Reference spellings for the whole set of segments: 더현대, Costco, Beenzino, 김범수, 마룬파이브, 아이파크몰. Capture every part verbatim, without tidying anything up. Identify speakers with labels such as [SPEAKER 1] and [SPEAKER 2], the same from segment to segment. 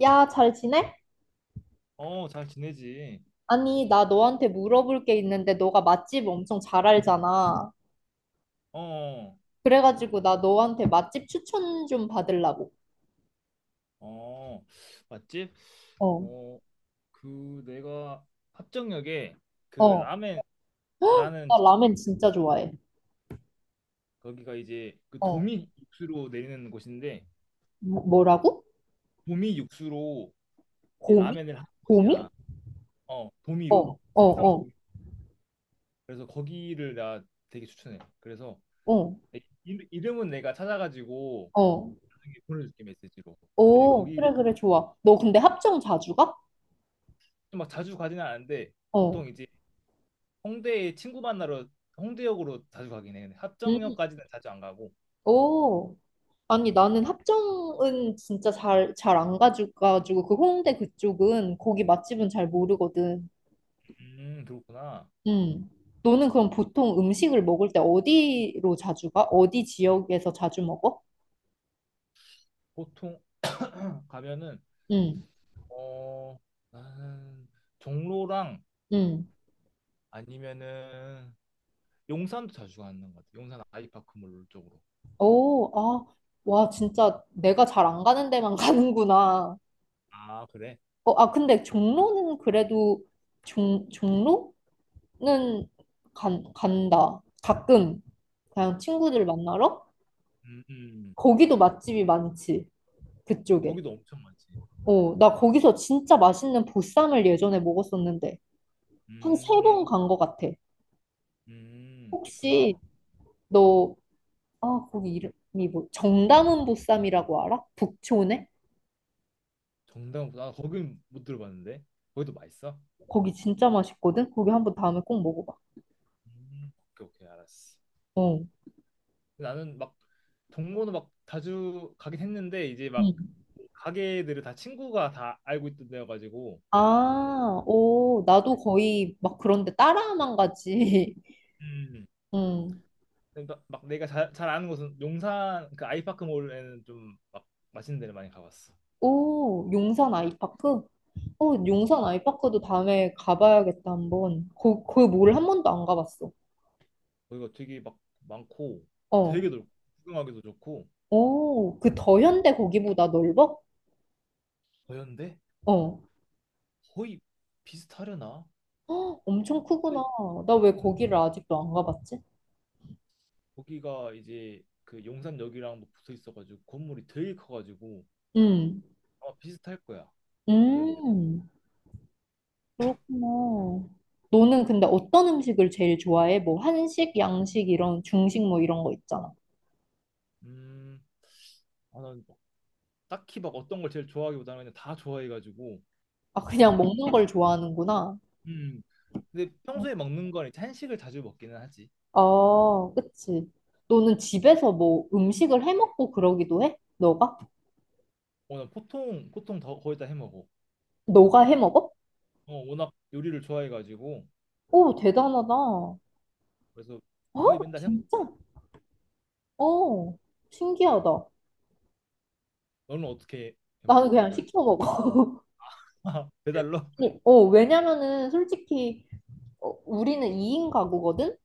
[SPEAKER 1] 야, 잘 지내?
[SPEAKER 2] 어, 잘 지내지.
[SPEAKER 1] 아니, 나 너한테 물어볼 게 있는데 너가 맛집 엄청 잘 알잖아.
[SPEAKER 2] 어,
[SPEAKER 1] 그래가지고 나 너한테 맛집 추천 좀 받으려고.
[SPEAKER 2] 어, 맛집?
[SPEAKER 1] 어,
[SPEAKER 2] 어, 그 내가 합정역에 그
[SPEAKER 1] 어.
[SPEAKER 2] 라멘 잘하는
[SPEAKER 1] 나 라멘
[SPEAKER 2] 집인데
[SPEAKER 1] 진짜 좋아해.
[SPEAKER 2] 거기가 이제 그
[SPEAKER 1] 어.
[SPEAKER 2] 도미 육수로 내리는 곳인데
[SPEAKER 1] 뭐- 뭐라고?
[SPEAKER 2] 도미 육수로 이제
[SPEAKER 1] 고미?
[SPEAKER 2] 라멘을 하는 곳이야.
[SPEAKER 1] 고미?
[SPEAKER 2] 어,
[SPEAKER 1] 어,
[SPEAKER 2] 도미로.
[SPEAKER 1] 어,
[SPEAKER 2] 생선
[SPEAKER 1] 어,
[SPEAKER 2] 도미. 그래서 거기를 나 되게 추천해. 그래서
[SPEAKER 1] 어,
[SPEAKER 2] 내 이름- 이름은 내가 찾아가지고
[SPEAKER 1] 어.
[SPEAKER 2] 나중에 보내줄게, 메시지로. 근데
[SPEAKER 1] 오,
[SPEAKER 2] 거기
[SPEAKER 1] 그래, 그래, 좋아. 너 근데 합정 자주 가?
[SPEAKER 2] 막 자주 가지는 않는데
[SPEAKER 1] 어.
[SPEAKER 2] 보통 이제 홍대에 친구 만나러 홍대역으로 자주 가긴 해. 근데
[SPEAKER 1] 음,
[SPEAKER 2] 합정역까지는 자주 안 가고.
[SPEAKER 1] 오. 아니, 나는 합정은 진짜 잘, 잘 안 가져가지고, 그 홍대 그쪽은, 거기 맛집은 잘 모르거든.
[SPEAKER 2] 음, 그렇구나.
[SPEAKER 1] 음. 너는 그럼 보통 음식을 먹을 때 어디로 자주 가? 어디 지역에서 자주 먹어?
[SPEAKER 2] 보통 가면은,
[SPEAKER 1] 응,
[SPEAKER 2] 어 나는 종로랑
[SPEAKER 1] 응.
[SPEAKER 2] 아니면은 용산도 자주 가는 것 같아. 용산 아이파크몰 쪽으로.
[SPEAKER 1] 오, 아, 와, 진짜 내가 잘 안 가는 데만 가는구나.
[SPEAKER 2] 아, 그래?
[SPEAKER 1] 어, 아, 근데 종로는 그래도 종, 종로는 간, 간다. 가끔 그냥 친구들
[SPEAKER 2] 아,
[SPEAKER 1] 만나러?
[SPEAKER 2] 음, 음.
[SPEAKER 1] 거기도 맛집이 많지. 그쪽에.
[SPEAKER 2] 거기도 엄청 많지.
[SPEAKER 1] 어, 나 거기서 진짜 맛있는 보쌈을 예전에 먹었었는데 한 세
[SPEAKER 2] 음,
[SPEAKER 1] 번 간 것 같아.
[SPEAKER 2] 음, 그렇구나.
[SPEAKER 1] 혹시 너 아, 거기 이름이 뭐, 정다문 보쌈이라고 알아? 북촌에?
[SPEAKER 2] 정당보다, 아, 거긴 못 들어봤는데. 거기도 맛있어?
[SPEAKER 1] 거기 진짜 맛있거든? 거기 한번 다음에 꼭 먹어봐.
[SPEAKER 2] 음, 오케이, 오케이, 알았어.
[SPEAKER 1] 어.
[SPEAKER 2] 나는 막 동호는 막 자주 가긴 했는데 이제
[SPEAKER 1] 응.
[SPEAKER 2] 막 가게들을 다 친구가 다 알고 있던 데여가지고,
[SPEAKER 1] 아, 오, 나도 거의 막 그런데 따라만 가지.
[SPEAKER 2] 음,
[SPEAKER 1] 응.
[SPEAKER 2] 막, 막 내가 잘, 잘 아는 곳은 용산 그 아이파크몰에는 좀 막 맛있는 데를 많이 가봤어.
[SPEAKER 1] 오, 용산 아이파크? 어,
[SPEAKER 2] 음.
[SPEAKER 1] 용산 아이파크도 다음에 가봐야겠다, 한번. 거, 거기 뭘 한 번도 안 가봤어.
[SPEAKER 2] 거기가 되게 막 많고
[SPEAKER 1] 어.
[SPEAKER 2] 되게 넓고 구경하기도 좋고,
[SPEAKER 1] 오, 그 더현대 거기보다 넓어?
[SPEAKER 2] 거였는데
[SPEAKER 1] 어.
[SPEAKER 2] 거의 비슷하려나?
[SPEAKER 1] 헉, 엄청 크구나.
[SPEAKER 2] 근데
[SPEAKER 1] 나 왜
[SPEAKER 2] 음,
[SPEAKER 1] 거기를 아직도 안 가봤지?
[SPEAKER 2] 거기가 이제 그 용산역이랑 뭐 붙어 있어가지고 건물이 되게 커가지고
[SPEAKER 1] 응.
[SPEAKER 2] 아마 비슷할 거야, 더현대.
[SPEAKER 1] 음, 그렇구나. 너는 근데 어떤 음식을 제일 좋아해? 뭐 한식, 양식 이런 중식 뭐 이런 거 있잖아.
[SPEAKER 2] 음 아, 난 딱히 막 어떤 걸 제일 좋아하기보다는 그냥 다 좋아해가지고,
[SPEAKER 1] 아, 그냥
[SPEAKER 2] 워낙.
[SPEAKER 1] 먹는 걸 좋아하는구나.
[SPEAKER 2] 음 근데 평소에 먹는 건 이제 한식을 자주 먹기는 하지.
[SPEAKER 1] 아, 그치. 너는
[SPEAKER 2] 음.
[SPEAKER 1] 집에서 뭐 음식을 해 먹고 그러기도 해? 너가?
[SPEAKER 2] 어, 난 보통 보통 더 거의 다 해먹어.
[SPEAKER 1] 너가 해 먹어?
[SPEAKER 2] 어, 워낙 요리를 좋아해가지고.
[SPEAKER 1] 오, 대단하다. 어?
[SPEAKER 2] 그래서 거의 맨날
[SPEAKER 1] 진짜?
[SPEAKER 2] 해먹지.
[SPEAKER 1] 어, 신기하다.
[SPEAKER 2] 너는 어떻게
[SPEAKER 1] 나는
[SPEAKER 2] 해먹어,
[SPEAKER 1] 그냥
[SPEAKER 2] 그러면?
[SPEAKER 1] 시켜 먹어.
[SPEAKER 2] 배달로?
[SPEAKER 1] 아니, 어, 왜냐면은 솔직히 어, 우리는 이 인 가구거든?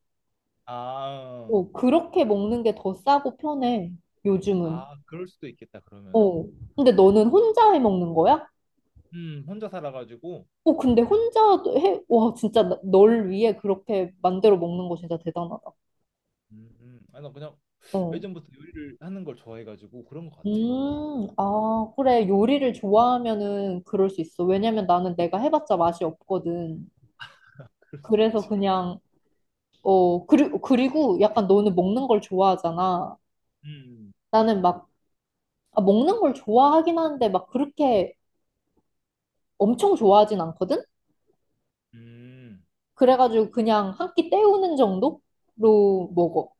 [SPEAKER 2] 아,
[SPEAKER 1] 어, 그렇게 먹는 게 더 싸고 편해, 요즘은.
[SPEAKER 2] 아, 그럴 수도 있겠다, 그러면은.
[SPEAKER 1] 어. 근데 너는 혼자 해 먹는 거야?
[SPEAKER 2] 음 혼자 살아가지고.
[SPEAKER 1] 어, 근데 혼자 해, 와, 진짜 나- 널 위해 그렇게 만들어 먹는 거 진짜 대단하다.
[SPEAKER 2] 음, 음. 아나 그냥
[SPEAKER 1] 어.
[SPEAKER 2] 예전부터 요리를 하는 걸 좋아해가지고 그런 것 같아.
[SPEAKER 1] 음, 아, 그래. 요리를 좋아하면은 그럴 수 있어. 왜냐면 나는 내가 해봤자 맛이 없거든.
[SPEAKER 2] 그럴 수도
[SPEAKER 1] 그래서
[SPEAKER 2] 있지.
[SPEAKER 1] 그냥, 어, 그리고, 그리고 약간 너는 먹는 걸 좋아하잖아.
[SPEAKER 2] 음,
[SPEAKER 1] 나는 막, 아, 먹는 걸 좋아하긴 하는데 막 그렇게 엄청 좋아하진 않거든?
[SPEAKER 2] 음.
[SPEAKER 1] 그래가지고 그냥 한 끼 때우는 정도로 먹어.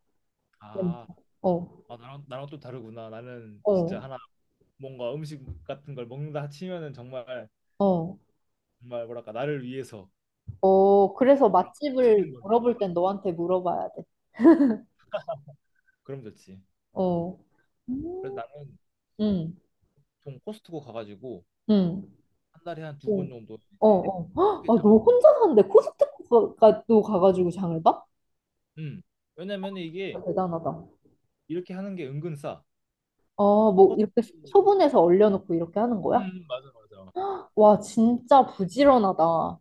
[SPEAKER 2] 아,
[SPEAKER 1] 어,
[SPEAKER 2] 아, 나랑, 나랑 또 다르구나. 나는
[SPEAKER 1] 어,
[SPEAKER 2] 진짜 하나, 뭔가 음식 같은 걸 먹는다 치면은 정말,
[SPEAKER 1] 어,
[SPEAKER 2] 정말 뭐랄까, 나를 위해서
[SPEAKER 1] 어. 그래서
[SPEAKER 2] 맛있는
[SPEAKER 1] 맛집을
[SPEAKER 2] 걸 먹어야
[SPEAKER 1] 물어볼 땐
[SPEAKER 2] 된다.
[SPEAKER 1] 너한테 물어봐야 돼.
[SPEAKER 2] 그럼 좋지.
[SPEAKER 1] 어,
[SPEAKER 2] 그래서 나는
[SPEAKER 1] 응,
[SPEAKER 2] 좀 코스트코 가가지고
[SPEAKER 1] 응,
[SPEAKER 2] 한 달에 한 두 번
[SPEAKER 1] 어,
[SPEAKER 2] 정도
[SPEAKER 1] 어.
[SPEAKER 2] 이제
[SPEAKER 1] 어. 헉,
[SPEAKER 2] 크게
[SPEAKER 1] 아,
[SPEAKER 2] 장을 는
[SPEAKER 1] 너
[SPEAKER 2] 거야
[SPEAKER 1] 혼자 사는데 코스트코도 가가지고 장을 봐?
[SPEAKER 2] 음. 왜냐면 이게
[SPEAKER 1] 아, 대단하다. 아,
[SPEAKER 2] 이렇게 하는 게 은근 싸.
[SPEAKER 1] 뭐 이렇게 소-
[SPEAKER 2] 코스트코.
[SPEAKER 1] 소분해서 얼려놓고 이렇게 하는 거야?
[SPEAKER 2] 음, 맞아, 맞아.
[SPEAKER 1] 와, 진짜 부지런하다.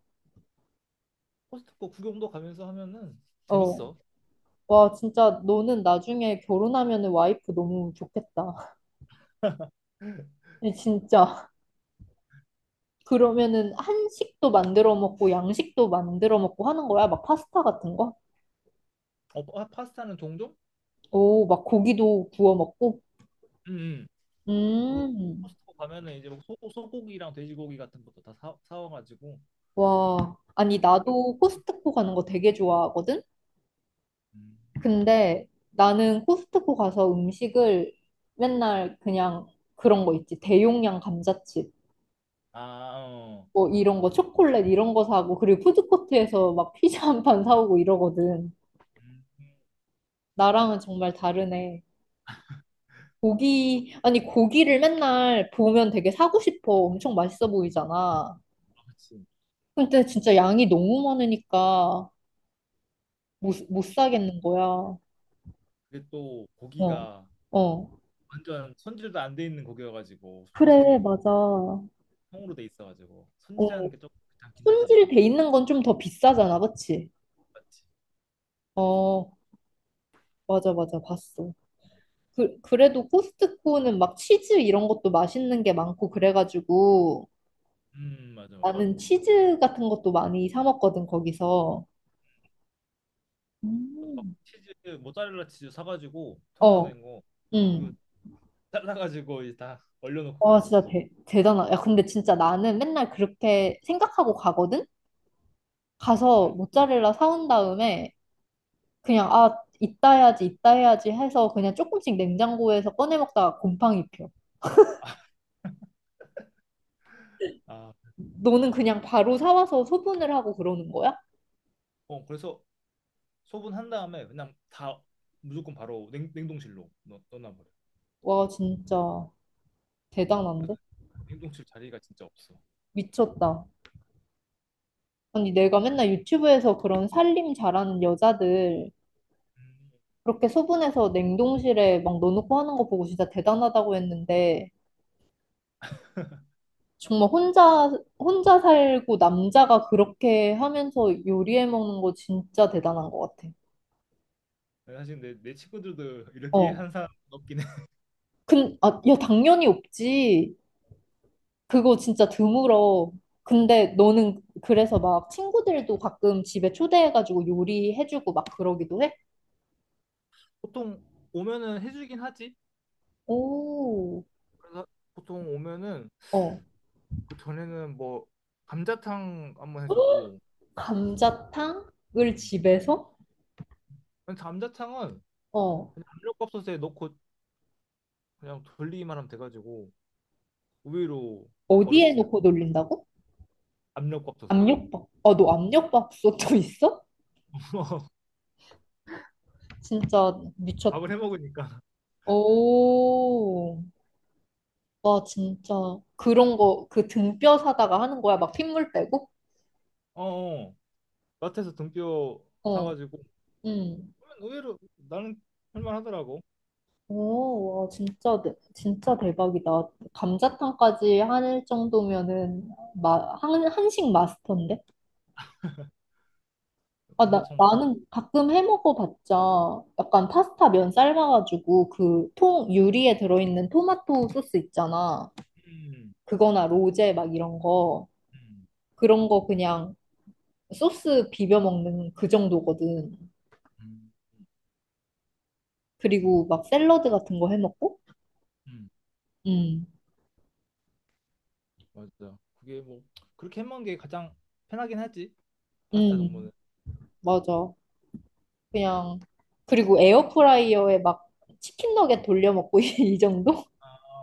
[SPEAKER 2] 코스트코 구경도 가면서 하면은
[SPEAKER 1] 어,
[SPEAKER 2] 재밌어.
[SPEAKER 1] 와, 진짜 너는 나중에 결혼하면 와이프 너무 좋겠다. 진짜. 그러면은 한식도 만들어 먹고 양식도 만들어 먹고 하는 거야? 막 파스타 같은 거?
[SPEAKER 2] 어, 파- 파스타는 종종?
[SPEAKER 1] 오, 막 고기도 구워 먹고?
[SPEAKER 2] 음, 음. 그
[SPEAKER 1] 음,
[SPEAKER 2] 코스트코 가면은 이제 뭐 소, 소고기랑 돼지고기 같은 것도 다 사, 사와가지고
[SPEAKER 1] 와. 아니,
[SPEAKER 2] 파스타 먹을
[SPEAKER 1] 나도
[SPEAKER 2] 때.
[SPEAKER 1] 코스트코 가는 거 되게 좋아하거든?
[SPEAKER 2] 음, 음,
[SPEAKER 1] 근데 나는 코스트코 가서 음식을 맨날 그냥 그런 거 있지. 대용량 감자칩.
[SPEAKER 2] 아, 어.
[SPEAKER 1] 뭐 이런 거, 초콜릿 이런 거 사고, 그리고 푸드코트에서 막 피자 한 판 사오고 이러거든.
[SPEAKER 2] 음. 음.
[SPEAKER 1] 나랑은 정말 다르네. 고기, 아니, 고기를 맨날 보면 되게 사고 싶어. 엄청 맛있어 보이잖아.
[SPEAKER 2] 아, 그치.
[SPEAKER 1] 근데 진짜 양이 너무 많으니까 못, 못 사겠는 거야.
[SPEAKER 2] 그게 또
[SPEAKER 1] 어,
[SPEAKER 2] 고기가
[SPEAKER 1] 어.
[SPEAKER 2] 완전 손질도 안 돼 있는 고기여가지고, 코스트코
[SPEAKER 1] 그래,
[SPEAKER 2] 고기,
[SPEAKER 1] 맞아. 어,
[SPEAKER 2] 통으로 돼 있어가지고 손질하는 게 조금 귀찮긴 하지.
[SPEAKER 1] 손질돼 있는 건 좀 더 비싸잖아, 그치?
[SPEAKER 2] 맞지?
[SPEAKER 1] 어, 맞아, 맞아. 봤어. 그, 그래도 코스트코는 막 치즈 이런 것도 맛있는 게 많고 그래가지고
[SPEAKER 2] 음, 맞아, 맞아.
[SPEAKER 1] 나는 치즈 같은 것도 많이 사 먹거든, 거기서.
[SPEAKER 2] 저도 막
[SPEAKER 1] 음.
[SPEAKER 2] 치즈, 모짜렐라 치즈 사가지고, 통으로
[SPEAKER 1] 어,
[SPEAKER 2] 된 거 그
[SPEAKER 1] 응.
[SPEAKER 2] 잘라가지고 이제 다 얼려놓고
[SPEAKER 1] 와,
[SPEAKER 2] 그랬어
[SPEAKER 1] 진짜
[SPEAKER 2] 지금.
[SPEAKER 1] 대, 대단하다. 야, 근데 진짜 나는 맨날 그렇게 생각하고 가거든? 가서
[SPEAKER 2] 음.
[SPEAKER 1] 모짜렐라 사온 다음에 그냥, 아, 이따 해야지, 이따 해야지 해서 그냥 조금씩 냉장고에서 꺼내 먹다가 곰팡이 펴.
[SPEAKER 2] 아,
[SPEAKER 1] 너는 그냥 바로 사와서 소분을 하고 그러는 거야?
[SPEAKER 2] 어, 그래서 소분한 다음에 그냥 다 무조건 바로 냉, 냉동실로 넣, 넣어놔버려.
[SPEAKER 1] 와, 진짜 대단한데?
[SPEAKER 2] 냉동실 자리가 진짜 없어.
[SPEAKER 1] 미쳤다. 아니, 내가 맨날 유튜브에서 그런 살림 잘하는 여자들
[SPEAKER 2] 음.
[SPEAKER 1] 그렇게 소분해서 냉동실에 막 넣어놓고 하는 거 보고 진짜 대단하다고 했는데, 정말 혼자, 혼자 살고 남자가 그렇게 하면서 요리해 먹는 거 진짜 대단한 것 같아.
[SPEAKER 2] 사실 내, 내 친구들도 이렇게
[SPEAKER 1] 어.
[SPEAKER 2] 한 사람 없긴 해.
[SPEAKER 1] 근, 아, 야, 당연히 없지. 그거 진짜 드물어. 근데 너는 그래서 막 친구들도 가끔 집에 초대해가지고 요리해주고 막 그러기도 해?
[SPEAKER 2] 보통 오면은 해주긴 하지.
[SPEAKER 1] 오,
[SPEAKER 2] 그래서 보통 오면은,
[SPEAKER 1] 어.
[SPEAKER 2] 그 전에는 뭐 감자탕 한번 해주고.
[SPEAKER 1] 감자탕을
[SPEAKER 2] 음.
[SPEAKER 1] 집에서?
[SPEAKER 2] 근데 감자탕은
[SPEAKER 1] 어.
[SPEAKER 2] 그냥 압력밥솥에 넣고 그냥 돌리기만 하면 돼가지고 의외로 막
[SPEAKER 1] 어디에
[SPEAKER 2] 어렵진 않아.
[SPEAKER 1] 놓고 돌린다고?
[SPEAKER 2] 압력밥솥에.
[SPEAKER 1] 압력밥. 아, 너 압력밥솥도 있어? 진짜 미쳤다.
[SPEAKER 2] 밥을 해 먹으니까.
[SPEAKER 1] 오. 와, 진짜. 그런 거, 그 등뼈 사다가 하는 거야? 막 핏물 빼고?
[SPEAKER 2] 어, 어. 마트에서 등뼈
[SPEAKER 1] 어,
[SPEAKER 2] 사가지고,
[SPEAKER 1] 응.
[SPEAKER 2] 그러면 의외로 나는 할만하더라고.
[SPEAKER 1] 오, 와, 진짜, 대- 진짜 대박이다. 감자탕까지 할 정도면은, 마, 한, 한식 마스터인데? 아, 나,
[SPEAKER 2] 감자탕도.
[SPEAKER 1] 나는 가끔 해 먹어봤자, 약간 파스타 면 삶아가지고, 그 통, 유리에 들어있는 토마토 소스 있잖아.
[SPEAKER 2] 음,
[SPEAKER 1] 그거나 로제 막 이런 거.
[SPEAKER 2] 음,
[SPEAKER 1] 그런 거 그냥 소스 비벼 먹는 그 정도거든.
[SPEAKER 2] 음,
[SPEAKER 1] 그리고 막 샐러드 같은 거 해 먹고.
[SPEAKER 2] 음.
[SPEAKER 1] 음.
[SPEAKER 2] 맞아. 그게 뭐, 그렇게 해 먹는 게 가장 편하긴 하지. 파스타
[SPEAKER 1] 음.
[SPEAKER 2] 정도는.
[SPEAKER 1] 맞아. 그냥 그리고 에어프라이어에 막 치킨 너겟 돌려 먹고 이 정도?
[SPEAKER 2] 아,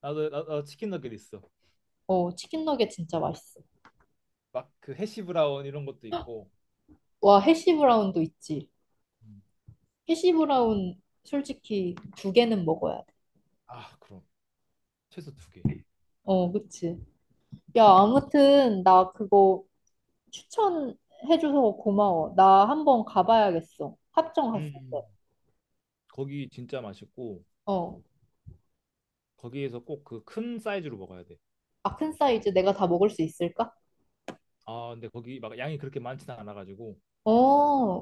[SPEAKER 2] 나도, 나, 나 치킨 너겟 있어.
[SPEAKER 1] 어, 치킨 너겟 진짜 맛있어.
[SPEAKER 2] 막 그 해시 브라운 이런 것도 있고.
[SPEAKER 1] 와, 해시 브라운도 있지.
[SPEAKER 2] 음.
[SPEAKER 1] 해시 브라운 솔직히 두 개는 먹어야 돼.
[SPEAKER 2] 아, 그럼 최소 두 개.
[SPEAKER 1] 어, 그치. 야, 아무튼 나 그거 추천해줘서 고마워. 나 한번 가봐야겠어. 합정
[SPEAKER 2] 음.
[SPEAKER 1] 갔을 때.
[SPEAKER 2] 음. 거기 진짜 맛있고,
[SPEAKER 1] 어.
[SPEAKER 2] 거기에서 꼭 그 큰 사이즈로 먹어야 돼.
[SPEAKER 1] 아 큰 사이즈 내가 다 먹을 수 있을까?
[SPEAKER 2] 아, 근데 거기 막 양이 그렇게 많지는 않아가지고
[SPEAKER 1] 어,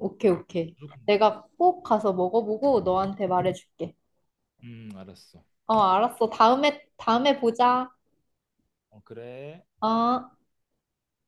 [SPEAKER 1] 오케이, 오케이.
[SPEAKER 2] 무조건 먹을 수
[SPEAKER 1] 내가
[SPEAKER 2] 있어.
[SPEAKER 1] 꼭 가서 먹어보고 너한테 말해줄게.
[SPEAKER 2] 음, 알았어.
[SPEAKER 1] 어, 알았어. 다음에, 다음에 보자.
[SPEAKER 2] 어, 그래.
[SPEAKER 1] 어.